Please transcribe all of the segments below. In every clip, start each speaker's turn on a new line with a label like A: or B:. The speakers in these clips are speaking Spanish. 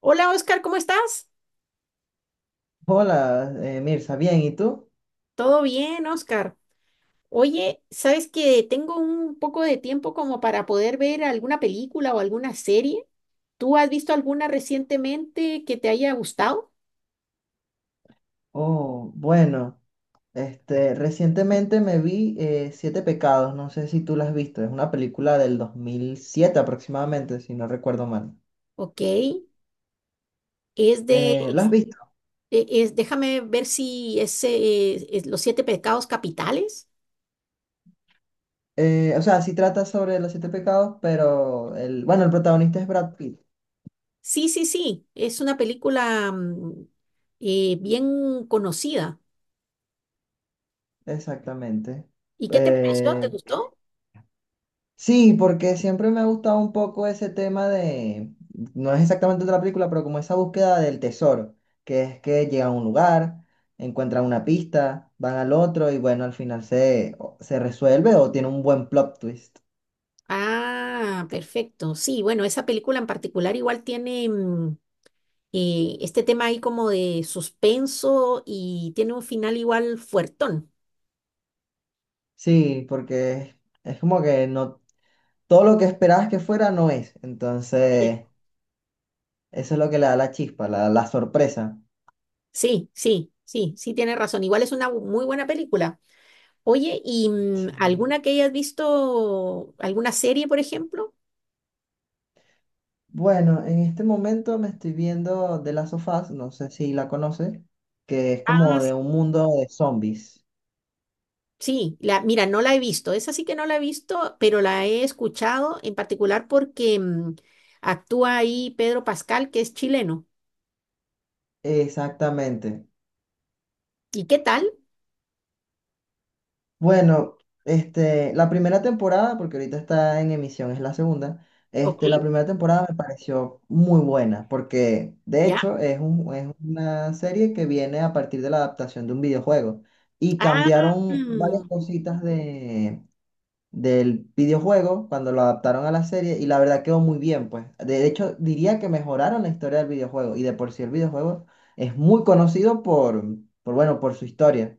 A: Hola Oscar, ¿cómo estás?
B: Hola, Mirza, bien, ¿y tú?
A: Todo bien, Oscar. Oye, ¿sabes que tengo un poco de tiempo como para poder ver alguna película o alguna serie? ¿Tú has visto alguna recientemente que te haya gustado?
B: Oh, bueno, recientemente me vi Siete Pecados, no sé si tú la has visto, es una película del 2007 aproximadamente, si no recuerdo mal.
A: Ok, es de,
B: ¿La has visto?
A: déjame ver si es, es Los Siete Pecados Capitales.
B: O sea, sí trata sobre los siete pecados, pero el, bueno, el protagonista es Brad Pitt,
A: Sí, sí, sí, es una película bien conocida.
B: exactamente.
A: ¿Y qué te pareció? ¿Te
B: Eh,
A: gustó?
B: Sí, porque siempre me ha gustado un poco ese tema de, no es exactamente otra película, pero como esa búsqueda del tesoro, que es que llegan a un lugar, encuentran una pista, van al otro y bueno, al final se, se resuelve o tiene un buen plot twist.
A: Ah, perfecto. Sí, bueno, esa película en particular igual tiene este tema ahí como de suspenso y tiene un final igual fuertón.
B: Sí, porque es como que no, todo lo que esperabas que fuera no es.
A: Bien.
B: Entonces, eso es lo que le da la chispa, la sorpresa.
A: Sí, sí, sí, sí, tiene razón. Igual es una muy buena película. Oye, ¿y
B: Sí.
A: alguna que hayas visto, alguna serie, por ejemplo?
B: Bueno, en este momento me estoy viendo The Last of Us, no sé si la conoces, que es
A: Ah,
B: como de
A: sí.
B: un mundo de zombies.
A: Sí, la, mira, no la he visto. Esa sí que no la he visto, pero la he escuchado en particular porque actúa ahí Pedro Pascal, que es chileno.
B: Exactamente.
A: ¿Y qué tal?
B: Bueno, la primera temporada, porque ahorita está en emisión, es la segunda.
A: Ok,
B: La primera temporada me pareció muy buena, porque de
A: ya.
B: hecho es es una serie que viene a partir de la adaptación de un videojuego. Y
A: Ah,
B: cambiaron varias cositas de del videojuego cuando lo adaptaron a la serie y la verdad quedó muy bien, pues. De hecho, diría que mejoraron la historia del videojuego y de por sí el videojuego es muy conocido por bueno, por su historia.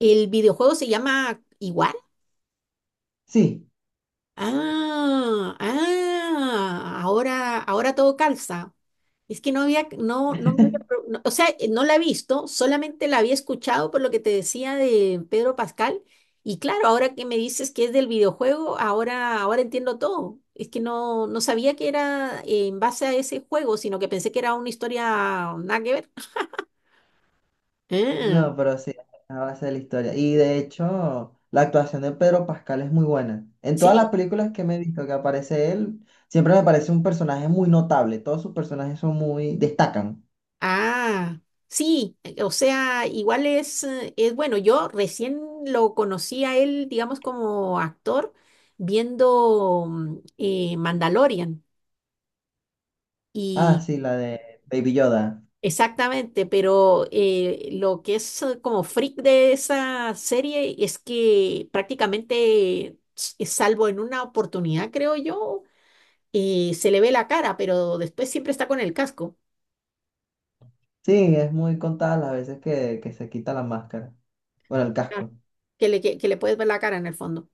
A: el videojuego se llama igual.
B: Sí,
A: Ah, ah, ahora, ahora todo calza. Es que no había, no, no, o sea, no la he visto, solamente la había escuchado por lo que te decía de Pedro Pascal. Y claro, ahora que me dices que es del videojuego, ahora, ahora entiendo todo. Es que no, no sabía que era en base a ese juego, sino que pensé que era una historia nada que ver. Ah,
B: no, pero sí, a base de la historia. Y de hecho, la actuación de Pedro Pascal es muy buena. En
A: sí.
B: todas las películas que me he visto que aparece él, siempre me parece un personaje muy notable. Todos sus personajes son muy, destacan.
A: Ah, sí, o sea, igual es bueno, yo recién lo conocí a él, digamos, como actor, viendo Mandalorian.
B: Ah,
A: Y
B: sí, la de Baby Yoda.
A: exactamente, pero lo que es como freak de esa serie es que prácticamente, salvo en una oportunidad, creo yo, se le ve la cara, pero después siempre está con el casco.
B: Sí, es muy contada las veces que se quita la máscara. Bueno, el
A: Ah,
B: casco.
A: que le puedes ver la cara en el fondo.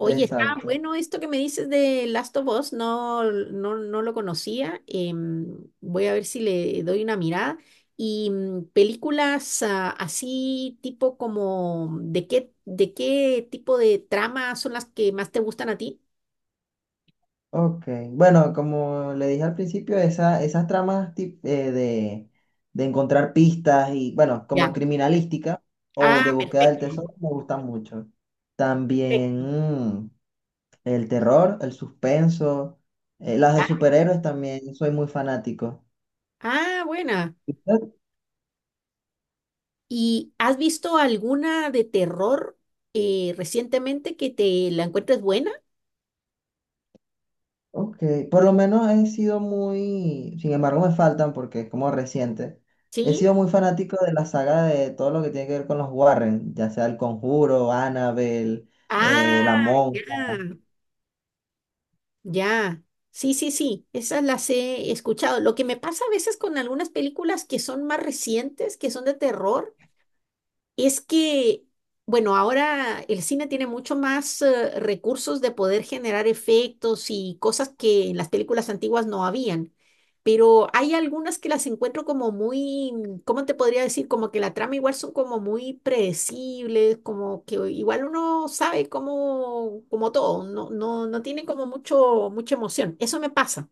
A: Oye, está
B: Exacto.
A: bueno esto que me dices de Last of Us, no, no, no lo conocía. Voy a ver si le doy una mirada. Y películas ah, así tipo como, de qué tipo de trama son las que más te gustan a ti?
B: Ok. Bueno, como le dije al principio, esa, esas tramas de encontrar pistas y, bueno,
A: Ya.
B: como criminalística o de
A: Ah,
B: búsqueda del
A: perfecto.
B: tesoro, me gustan mucho. También
A: Perfecto,
B: mm, el terror, el suspenso, las de
A: ya.
B: superhéroes también, soy muy fanático.
A: Ah, buena. ¿Y has visto alguna de terror recientemente que te la encuentres buena?
B: Ok, por lo menos he sido muy, sin embargo me faltan porque es como reciente, he
A: Sí.
B: sido muy fanático de la saga de todo lo que tiene que ver con los Warren, ya sea El Conjuro, Annabelle, La
A: Ah, ya.
B: Monja.
A: Ya, sí, sí, sí, esas las he escuchado. Lo que me pasa a veces con algunas películas que son más recientes, que son de terror, es que, bueno, ahora el cine tiene mucho más recursos de poder generar efectos y cosas que en las películas antiguas no habían, pero hay algunas que las encuentro como muy, ¿cómo te podría decir? Como que la trama igual son como muy predecibles, como que igual uno sabe como, como todo, no, no, no tiene como mucho, mucha emoción. Eso me pasa.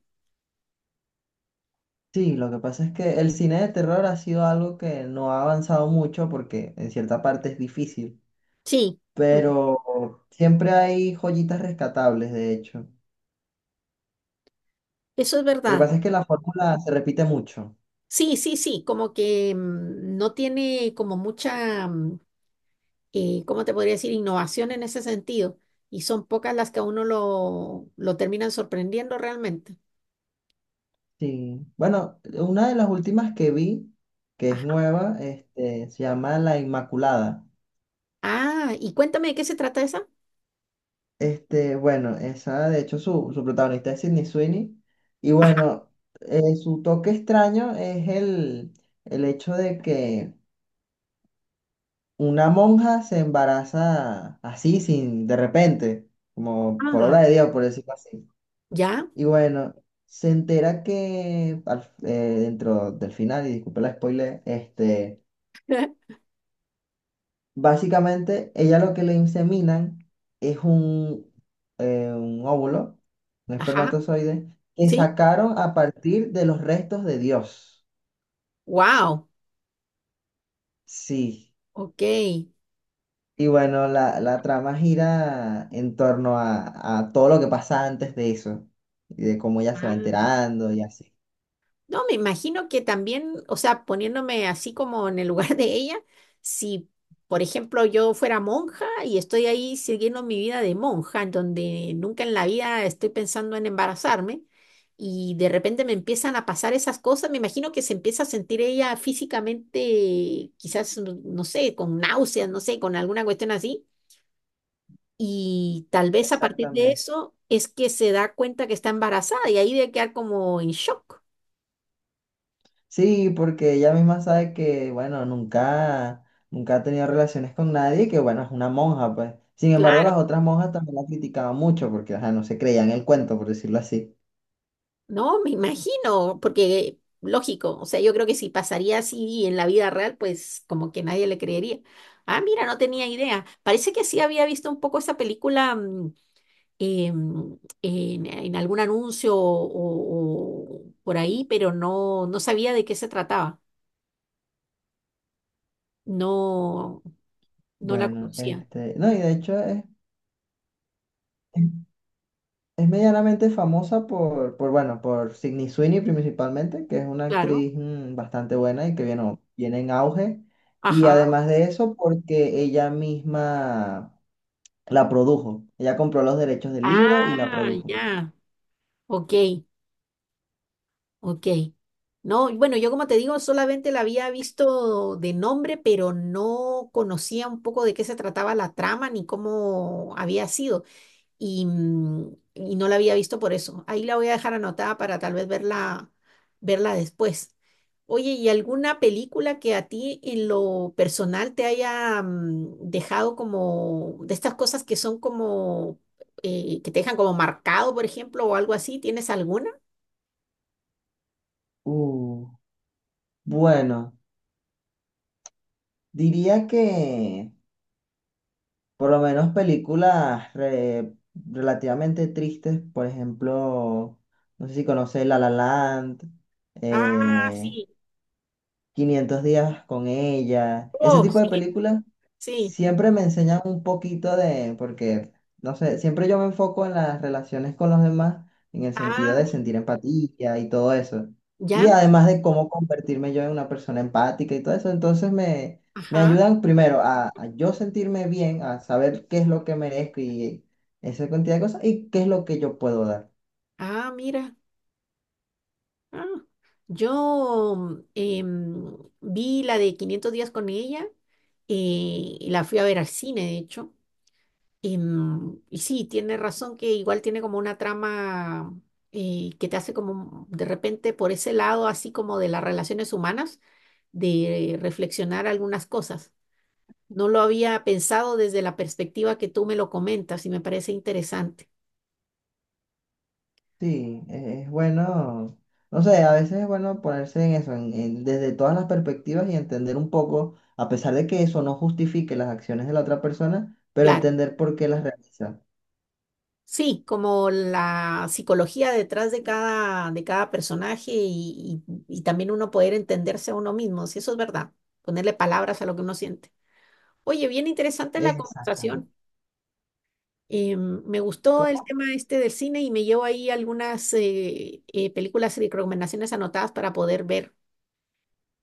B: Sí, lo que pasa es que el cine de terror ha sido algo que no ha avanzado mucho porque en cierta parte es difícil,
A: Sí, mm,
B: pero siempre hay joyitas rescatables, de hecho.
A: eso es
B: Lo que
A: verdad.
B: pasa es que la fórmula se repite mucho.
A: Sí, sí, sí, como que no tiene como mucha... ¿cómo te podría decir? Innovación en ese sentido. Y son pocas las que a uno lo terminan sorprendiendo realmente.
B: Sí. Bueno, una de las últimas que vi, que es
A: Ah,
B: nueva, se llama La Inmaculada.
A: ah, y cuéntame de qué se trata esa.
B: Bueno, esa, de hecho, su protagonista es Sydney Sweeney. Y bueno, su toque extraño es el hecho de que una monja se embaraza así, sin, de repente, como por
A: Ajá,
B: obra de Dios, por decirlo así.
A: ¿ya?
B: Y bueno, se entera que dentro del final, y disculpe la spoiler, este. Básicamente, ella lo que le inseminan es un óvulo, un
A: Ajá,
B: espermatozoide, que
A: sí,
B: sacaron a partir de los restos de Dios.
A: wow,
B: Sí.
A: ok.
B: Y bueno, la trama gira en torno a todo lo que pasa antes de eso, y de cómo ella se va
A: Ah,
B: enterando y así.
A: no, me imagino que también, o sea, poniéndome así como en el lugar de ella, si, por ejemplo, yo fuera monja y estoy ahí siguiendo mi vida de monja, en donde nunca en la vida estoy pensando en embarazarme, y de repente me empiezan a pasar esas cosas, me imagino que se empieza a sentir ella físicamente, quizás, no no sé, con náuseas, no sé, con alguna cuestión así, y tal vez a partir de
B: Exactamente.
A: eso es que se da cuenta que está embarazada y ahí debe quedar como en shock.
B: Sí, porque ella misma sabe que, bueno, nunca, nunca ha tenido relaciones con nadie y que, bueno, es una monja, pues. Sin embargo, las otras monjas también la criticaban mucho porque, ajá, no se creían el cuento, por decirlo así.
A: No, me imagino, porque lógico, o sea, yo creo que si pasaría así en la vida real, pues como que nadie le creería. Ah, mira, no tenía idea. Parece que sí había visto un poco esa película en algún anuncio o por ahí, pero no, no sabía de qué se trataba. No, no la
B: Bueno,
A: conocía.
B: no, y de hecho es, es medianamente famosa por, bueno, por Sydney Sweeney principalmente, que es una
A: Claro.
B: actriz bastante buena y que viene, viene en auge. Y
A: Ajá.
B: además de eso, porque ella misma la produjo. Ella compró los derechos del libro y la
A: Ah,
B: produjo.
A: ya. Ok. Ok. No, bueno, yo como te digo, solamente la había visto de nombre, pero no conocía un poco de qué se trataba la trama ni cómo había sido. Y, y no la había visto por eso. Ahí la voy a dejar anotada para tal vez verla, verla después. Oye, ¿y alguna película que a ti en lo personal te haya dejado como de estas cosas que son como que te dejan como marcado, por ejemplo, o algo así? ¿Tienes alguna?
B: Uh. Bueno, diría que por lo menos películas relativamente tristes, por ejemplo, no sé si conoces La La Land,
A: Ah,
B: eh,
A: sí.
B: 500 días con ella. Ese
A: Oh,
B: tipo de películas
A: sí.
B: siempre me enseñan un poquito de, porque, no sé, siempre yo me enfoco en las relaciones con los demás, en el sentido
A: Ah,
B: de
A: mi-
B: sentir empatía y todo eso. Y
A: ya.
B: además de cómo convertirme yo en una persona empática y todo eso, entonces me
A: Ajá.
B: ayudan primero a yo sentirme bien, a saber qué es lo que merezco y esa cantidad de cosas y qué es lo que yo puedo dar.
A: Ah, mira. Ah, yo vi la de 500 días con ella y la fui a ver al cine, de hecho. Em, y sí, tiene razón que igual tiene como una trama que te hace como de repente por ese lado, así como de las relaciones humanas, de reflexionar algunas cosas. No lo había pensado desde la perspectiva que tú me lo comentas y me parece interesante.
B: Sí, es bueno, no sé, a veces es bueno ponerse en eso, desde todas las perspectivas y entender un poco, a pesar de que eso no justifique las acciones de la otra persona, pero
A: Claro.
B: entender por qué las realiza.
A: Sí, como la psicología detrás de cada personaje y, y también uno poder entenderse a uno mismo, si eso es verdad, ponerle palabras a lo que uno siente. Oye, bien interesante la
B: Exactamente.
A: conversación. Me gustó el
B: ¿Cómo?
A: tema este del cine y me llevo ahí algunas películas y recomendaciones anotadas para poder ver.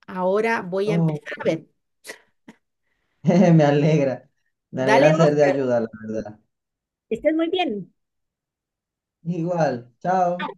A: Ahora voy a empezar
B: Ok.
A: a ver.
B: Me alegra, me alegra
A: Dale,
B: ser de
A: Oscar,
B: ayuda, la verdad.
A: que estés muy bien.
B: Igual, chao.